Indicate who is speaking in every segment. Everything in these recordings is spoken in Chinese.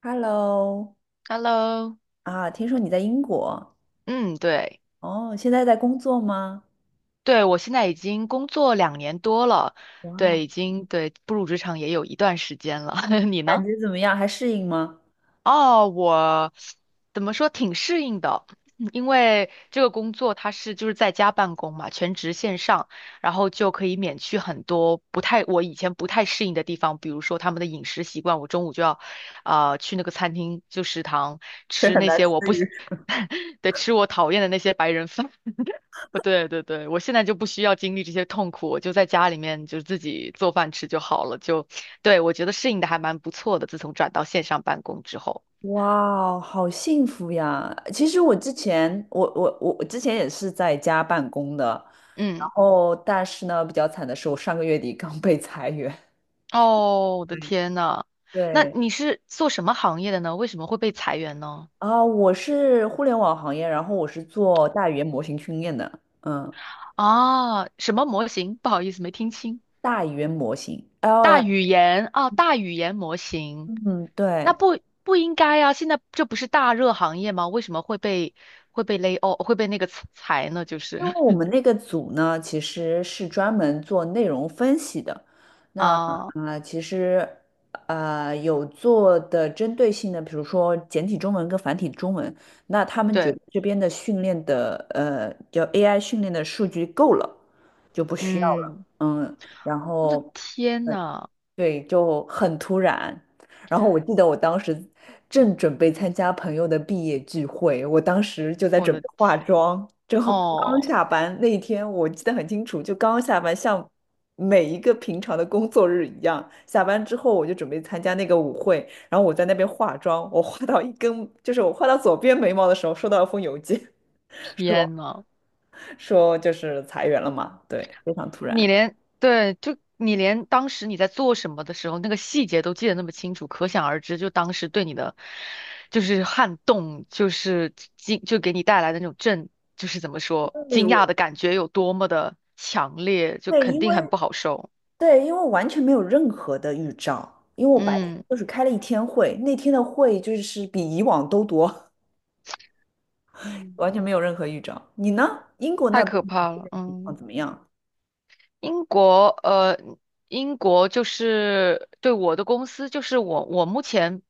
Speaker 1: Hello。
Speaker 2: Hello，
Speaker 1: 啊，听说你在英国。
Speaker 2: 嗯，对，
Speaker 1: 哦，现在在工作吗？
Speaker 2: 对，我现在已经工作两年多了，
Speaker 1: 哇，
Speaker 2: 对，已经对步入职场也有一段时间了。你
Speaker 1: 感
Speaker 2: 呢？
Speaker 1: 觉怎么样？还适应吗？
Speaker 2: 哦，我怎么说挺适应的，因为这个工作就是在家办公嘛，全职线上，然后就可以免去很多不太我以前不太适应的地方，比如说他们的饮食习惯，我中午就要去那个餐厅就食堂
Speaker 1: 这
Speaker 2: 吃
Speaker 1: 很
Speaker 2: 那
Speaker 1: 难
Speaker 2: 些我
Speaker 1: 适
Speaker 2: 不喜
Speaker 1: 应。
Speaker 2: 对，吃我讨厌的那些白人饭。对对对，我现在就不需要经历这些痛苦，我就在家里面就自己做饭吃就好了。对，我觉得适应的还蛮不错的，自从转到线上办公之后。
Speaker 1: 哇哦，好幸福呀！其实我之前，我之前也是在家办公的，然
Speaker 2: 嗯，
Speaker 1: 后但是呢，比较惨的是我上个月底刚被裁员。
Speaker 2: 哦，我的
Speaker 1: 对。
Speaker 2: 天呐，那
Speaker 1: 对
Speaker 2: 你是做什么行业的呢？为什么会被裁员呢？
Speaker 1: 啊，我是互联网行业，然后我是做大语言模型训练的，嗯，
Speaker 2: 啊，什么模型？不好意思，没听清。
Speaker 1: 大语言模型
Speaker 2: 大
Speaker 1: LL,
Speaker 2: 语言啊，大语言模型，
Speaker 1: 嗯，
Speaker 2: 那
Speaker 1: 对。
Speaker 2: 不应该啊，现在这不是大热行业吗？为什么会被勒？哦，会被那个裁呢？就
Speaker 1: 因
Speaker 2: 是
Speaker 1: 为我们那个组呢，其实是专门做内容分析的。
Speaker 2: 啊。
Speaker 1: 啊、其实有做的针对性的，比如说简体中文跟繁体中文，那他们觉得
Speaker 2: 对。
Speaker 1: 这边的训练的叫 AI 训练的数据够了，就不需要了。
Speaker 2: 嗯，
Speaker 1: 嗯，然
Speaker 2: 我的
Speaker 1: 后。
Speaker 2: 天呐，
Speaker 1: 对，就很突然。然后我记得我当时正准备参加朋友的毕业聚会，我当时就在
Speaker 2: 我
Speaker 1: 准
Speaker 2: 的
Speaker 1: 备化
Speaker 2: 天，
Speaker 1: 妆，就刚
Speaker 2: 哦，
Speaker 1: 下班那一天，我记得很清楚，就刚下班，像每一个平常的工作日一样，下班之后我就准备参加那个舞会，然后我在那边化妆，我画到一根，就是我画到左边眉毛的时候，收到一封邮件，说
Speaker 2: 天呐，
Speaker 1: 说就是裁员了嘛，对，非常突然。
Speaker 2: 对，就你连当时你在做什么的时候，那个细节都记得那么清楚，可想而知，就当时对你的就是撼动，就是惊，就给你带来的那种震，就是怎么说，
Speaker 1: 对，
Speaker 2: 惊讶
Speaker 1: 我
Speaker 2: 的感觉有多么的强烈，就
Speaker 1: 对，
Speaker 2: 肯
Speaker 1: 因
Speaker 2: 定
Speaker 1: 为
Speaker 2: 很不好受。
Speaker 1: 对，因为我完全没有任何的预兆，因为我白天
Speaker 2: 嗯，
Speaker 1: 就是开了一天会，那天的会就是比以往都多。
Speaker 2: 嗯，
Speaker 1: 完全没有任何预兆。你呢？英国
Speaker 2: 太
Speaker 1: 那边
Speaker 2: 可
Speaker 1: 的
Speaker 2: 怕
Speaker 1: 就
Speaker 2: 了，
Speaker 1: 业情况
Speaker 2: 嗯。
Speaker 1: 怎么样？
Speaker 2: 英国，英国就是对我的公司，就是我目前，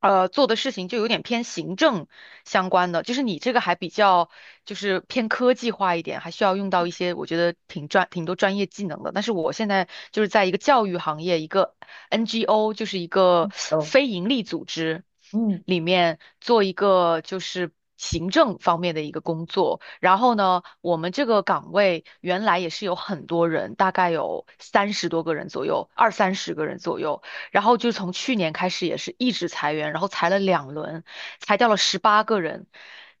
Speaker 2: 做的事情就有点偏行政相关的，就是你这个还比较就是偏科技化一点，还需要用到一些我觉得挺多专业技能的。但是我现在就是在一个教育行业，一个 NGO，就是一个
Speaker 1: 哦。
Speaker 2: 非盈利组织。
Speaker 1: 嗯，
Speaker 2: 里面做一个就是行政方面的一个工作。然后呢，我们这个岗位原来也是有很多人，大概有30多个人左右，二三十个人左右。然后就从去年开始也是一直裁员，然后裁了2轮，裁掉了18个人，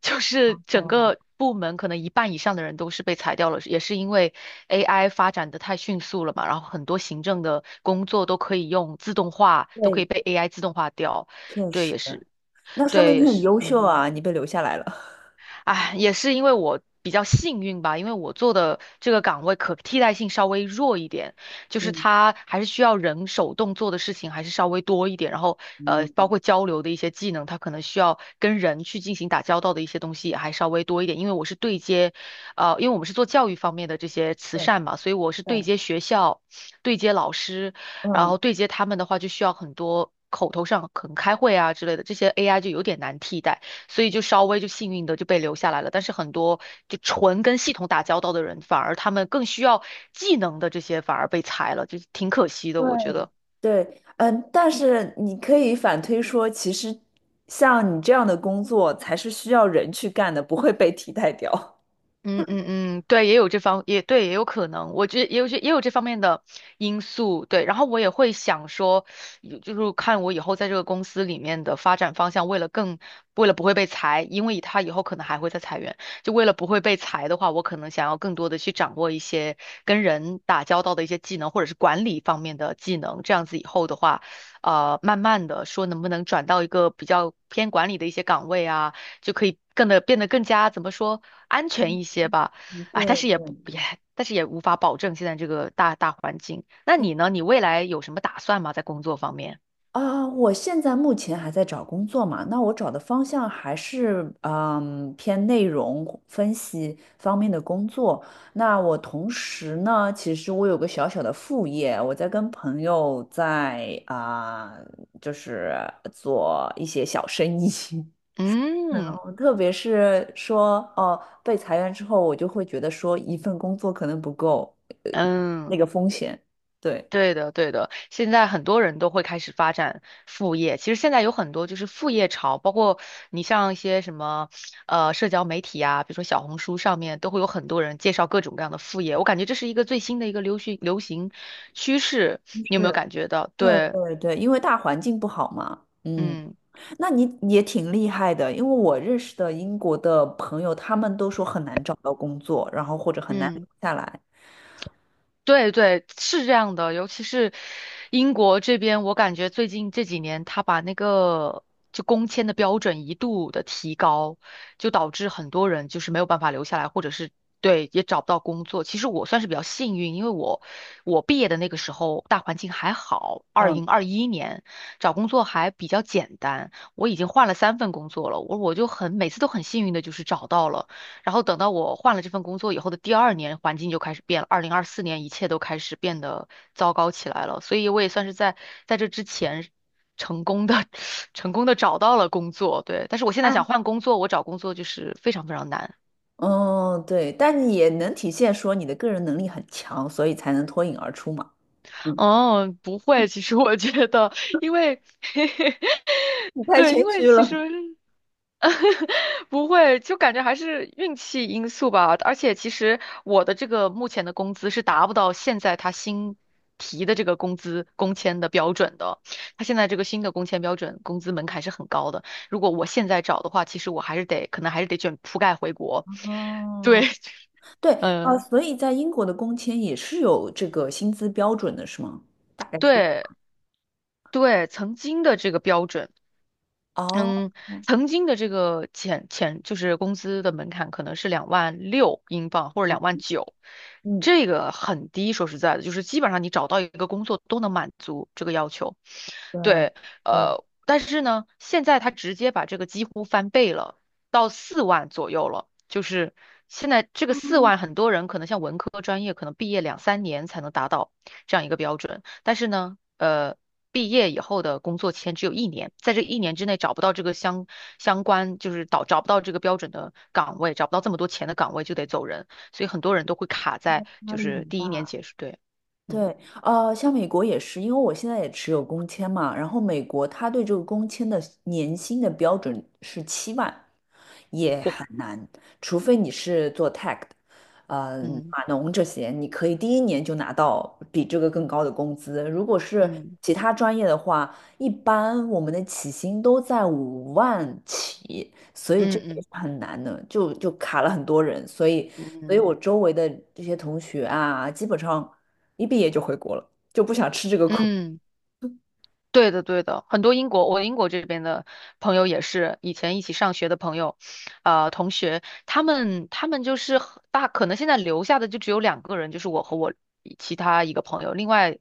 Speaker 2: 就是整个部门可能一半以上的人都是被裁掉了，也是因为 AI 发展的太迅速了嘛，然后很多行政的工作都可以用自动化，都可以
Speaker 1: 对。
Speaker 2: 被 AI 自动化掉。
Speaker 1: 确
Speaker 2: 对，
Speaker 1: 实。
Speaker 2: 也是。
Speaker 1: 那说明
Speaker 2: 对，
Speaker 1: 你
Speaker 2: 也
Speaker 1: 很
Speaker 2: 是，
Speaker 1: 优秀
Speaker 2: 嗯，
Speaker 1: 啊，你被留下来了。
Speaker 2: 哎，也是因为我比较幸运吧，因为我做的这个岗位可替代性稍微弱一点，就 是
Speaker 1: 嗯
Speaker 2: 它还是需要人手动做的事情还是稍微多一点，然后包
Speaker 1: 嗯，
Speaker 2: 括交流的一些技能，它可能需要跟人去进行打交道的一些东西也还稍微多一点，因为我是对接，因为我们是做教育方面的这些慈
Speaker 1: 对
Speaker 2: 善嘛，所以我是
Speaker 1: 对。
Speaker 2: 对接学校，对接老师，然
Speaker 1: 嗯，
Speaker 2: 后对接他们的话就需要很多，口头上可能开会啊之类的，这些 AI 就有点难替代。所以就稍微就幸运的就被留下来了。但是很多就纯跟系统打交道的人，反而他们更需要技能的这些反而被裁了，就挺可惜的，
Speaker 1: 对
Speaker 2: 我觉得。
Speaker 1: 对。嗯，但是你可以反推说，其实像你这样的工作才是需要人去干的，不会被替代掉。
Speaker 2: 嗯嗯嗯，对，也有这方，也对，也有可能，我觉得也有这方面的因素，对。然后我也会想说，有就是看我以后在这个公司里面的发展方向，为了不会被裁，因为他以后可能还会再裁员，就为了不会被裁的话，我可能想要更多的去掌握一些跟人打交道的一些技能，或者是管理方面的技能，这样子以后的话，慢慢的说能不能转到一个比较偏管理的一些岗位啊。就可以更的变得更加怎么说安全一些吧。
Speaker 1: 嗯，
Speaker 2: 哎，
Speaker 1: 对
Speaker 2: 但是也
Speaker 1: 对。
Speaker 2: 不也，但是也无法保证现在这个大环境。那你呢？你未来有什么打算吗？在工作方面？
Speaker 1: 啊，我现在目前还在找工作嘛，那我找的方向还是偏内容分析方面的工作。那我同时呢，其实我有个小小的副业，我在跟朋友在啊、就是做一些小生意。然
Speaker 2: 嗯
Speaker 1: 后特别是说哦，被裁员之后，我就会觉得说一份工作可能不够，呃，
Speaker 2: 嗯，
Speaker 1: 那个风险，对。
Speaker 2: 对的对的，现在很多人都会开始发展副业。其实现在有很多就是副业潮，包括你像一些什么社交媒体啊，比如说小红书上面都会有很多人介绍各种各样的副业。我感觉这是一个最新的一个流行趋势，你有没有
Speaker 1: 是。
Speaker 2: 感觉到？
Speaker 1: 对
Speaker 2: 对。
Speaker 1: 对对，因为大环境不好嘛。嗯，
Speaker 2: 嗯
Speaker 1: 那你也挺厉害的，因为我认识的英国的朋友，他们都说很难找到工作，然后或者很难留
Speaker 2: 嗯，
Speaker 1: 下来。
Speaker 2: 对对，是这样的，尤其是英国这边，我感觉最近这几年，他把那个就工签的标准一度的提高，就导致很多人就是没有办法留下来，或者是对也找不到工作。其实我算是比较幸运，因为我毕业的那个时候大环境还好，二
Speaker 1: 嗯。
Speaker 2: 零二一年找工作还比较简单，我已经换了3份工作了，我每次都很幸运的就是找到了。然后等到我换了这份工作以后的第2年，环境就开始变了。2024年，一切都开始变得糟糕起来了。所以我也算是在这之前成功的 成功的找到了工作，对。但是我现在想
Speaker 1: 但
Speaker 2: 换工作，我找工作就是非常非常难。
Speaker 1: 嗯，对，但你也能体现说你的个人能力很强，所以才能脱颖而出嘛。嗯。
Speaker 2: 哦，不会，其实我觉得，因为
Speaker 1: 你太
Speaker 2: 对，
Speaker 1: 谦
Speaker 2: 因为
Speaker 1: 虚
Speaker 2: 其
Speaker 1: 了。
Speaker 2: 实 不会，就感觉还是运气因素吧。而且其实我的这个目前的工资是达不到现在他新提的这个工签的标准的。他现在这个新的工签标准，工资门槛是很高的。如果我现在找的话，其实我还是得，可能还是得卷铺盖回国。对，
Speaker 1: 哦，对 啊，
Speaker 2: 嗯、
Speaker 1: 所以在英国的工签也是有这个薪资标准的，是吗？大概是多？
Speaker 2: 对对，曾经的这个标准。
Speaker 1: 哦。
Speaker 2: 嗯，曾经的这个就是工资的门槛可能是2万6英镑或者2万9，
Speaker 1: 嗯，
Speaker 2: 这个很低。说实在的，就是基本上你找到一个工作都能满足这个要求。
Speaker 1: 对
Speaker 2: 对，
Speaker 1: 对。
Speaker 2: 但是呢，现在他直接把这个几乎翻倍了，到四万左右了。就是现在这个四万，很多人可能像文科专业，可能毕业2、3年才能达到这样一个标准。但是呢，毕业以后的工作签只有一年，在这一年之内找不到这个相关，就是找不到这个标准的岗位，找不到这么多钱的岗位就得走人。所以很多人都会卡在
Speaker 1: 压
Speaker 2: 就
Speaker 1: 力
Speaker 2: 是
Speaker 1: 很
Speaker 2: 第1年
Speaker 1: 大。
Speaker 2: 结束，对，嗯，
Speaker 1: 对，呃，像美国也是，因为我现在也持有工签嘛，然后美国它对这个工签的年薪的标准是7万，也
Speaker 2: 哦
Speaker 1: 很难，除非你是做 tech 的，呃，码农这些，你可以第一年就拿到比这个更高的工资。如果是
Speaker 2: 嗯
Speaker 1: 其他专业的话，一般我们的起薪都在5万起，所以
Speaker 2: 嗯
Speaker 1: 这个
Speaker 2: 嗯
Speaker 1: 也
Speaker 2: 嗯
Speaker 1: 是很难的，就卡了很多人。所以，
Speaker 2: 嗯。
Speaker 1: 所以
Speaker 2: 嗯
Speaker 1: 我周围的这些同学啊，基本上一毕业就回国了，就不想吃这个苦。
Speaker 2: 嗯，对的，对的，很多英国，我英国这边的朋友也是以前一起上学的朋友，同学，他们就是很大，可能现在留下的就只有2个人，就是我和我其他一个朋友，另外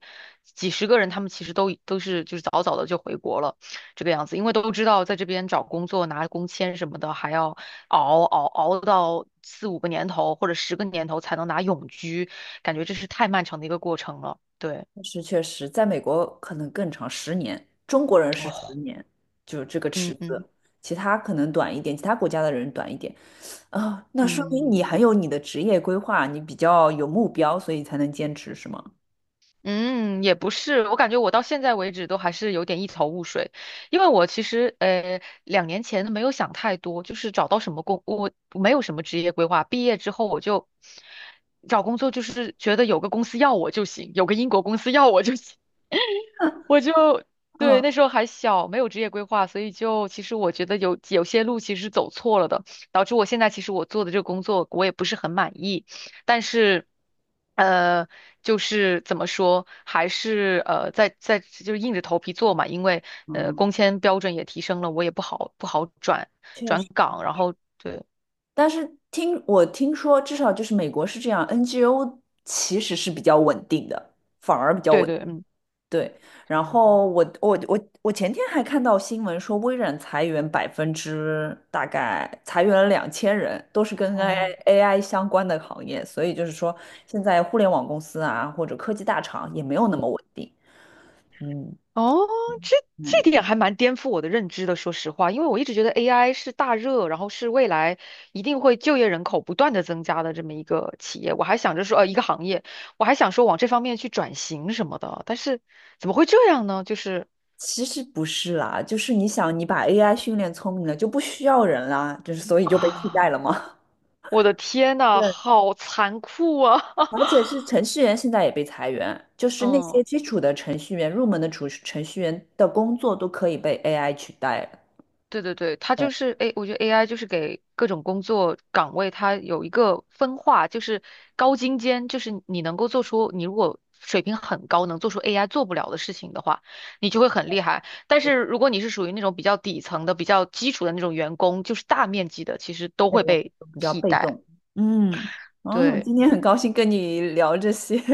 Speaker 2: 几十个人，他们其实都是就是早早的就回国了，这个样子，因为都知道在这边找工作拿工签什么的，还要熬到4、5个年头或者十个年头才能拿永居，感觉这是太漫长的一个过程了，对，
Speaker 1: 确实确实，在美国可能更长，十年，中国人是十
Speaker 2: 哦，
Speaker 1: 年，就是这个池
Speaker 2: 嗯嗯。
Speaker 1: 子，其他可能短一点，其他国家的人短一点啊，那说明你
Speaker 2: 嗯
Speaker 1: 很有你的职业规划，你比较有目标，所以才能坚持，是吗？
Speaker 2: 嗯，也不是，我感觉我到现在为止都还是有点一头雾水，因为我其实2年前没有想太多，就是找到什么工，我没有什么职业规划，毕业之后我就找工作，就是觉得有个公司要我就行，有个英国公司要我就行。我就对
Speaker 1: 嗯
Speaker 2: 那时候还小，没有职业规划，所以就其实我觉得有些路其实走错了的，导致我现在其实我做的这个工作我也不是很满意，但是呃，就是怎么说，还是在就是硬着头皮做嘛，因为
Speaker 1: 嗯。
Speaker 2: 工签标准也提升了，我也不好
Speaker 1: 确
Speaker 2: 转
Speaker 1: 实，
Speaker 2: 岗，然后对
Speaker 1: 但是听说，至少就是美国是这样，NGO 其实是比较稳定的，反而比较
Speaker 2: 对
Speaker 1: 稳，
Speaker 2: 对，嗯。
Speaker 1: 对，然后我前天还看到新闻说，微软裁员百分之大概裁员了2000人，都是跟
Speaker 2: 哦，
Speaker 1: AI AI 相关的行业，所以就是说，现在互联网公司啊或者科技大厂也没有那么稳定。嗯
Speaker 2: 哦，这这
Speaker 1: 嗯，
Speaker 2: 点还蛮颠覆我的认知的，说实话，因为我一直觉得 AI 是大热，然后是未来一定会就业人口不断的增加的这么一个企业，我还想着说，一个行业，我还想说往这方面去转型什么的，但是怎么会这样呢？就是
Speaker 1: 其实不是啦，就是你想，你把 AI 训练聪明了，就不需要人啦，就是所以就被替代了
Speaker 2: 啊，
Speaker 1: 吗？
Speaker 2: 我的天呐，好残酷啊！
Speaker 1: 而且 是程序员现在也被裁员，就是那些
Speaker 2: 嗯。
Speaker 1: 基础的程序员、入门的程序员的工作都可以被 AI 取代了。
Speaker 2: 对对对，它就是哎，我觉得 AI 就是给各种工作岗位它有一个分化，就是高精尖，就是你能够做出，你如果水平很高，能做出 AI 做不了的事情的话，你就会很厉害。但
Speaker 1: 对，
Speaker 2: 是如果你是属于那种比较底层的、比较基础的那种员工，就是大面积的，其实都
Speaker 1: 这
Speaker 2: 会
Speaker 1: 个
Speaker 2: 被
Speaker 1: 都比较
Speaker 2: 替
Speaker 1: 被
Speaker 2: 代。
Speaker 1: 动。嗯，哦，
Speaker 2: 对，
Speaker 1: 今天很高兴跟你聊这些。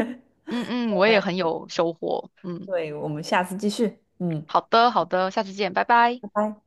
Speaker 2: 嗯嗯，我也
Speaker 1: 对，
Speaker 2: 很有收获。嗯，
Speaker 1: 对我们下次继续。嗯，
Speaker 2: 好的好的，下次见，拜拜。
Speaker 1: 拜拜。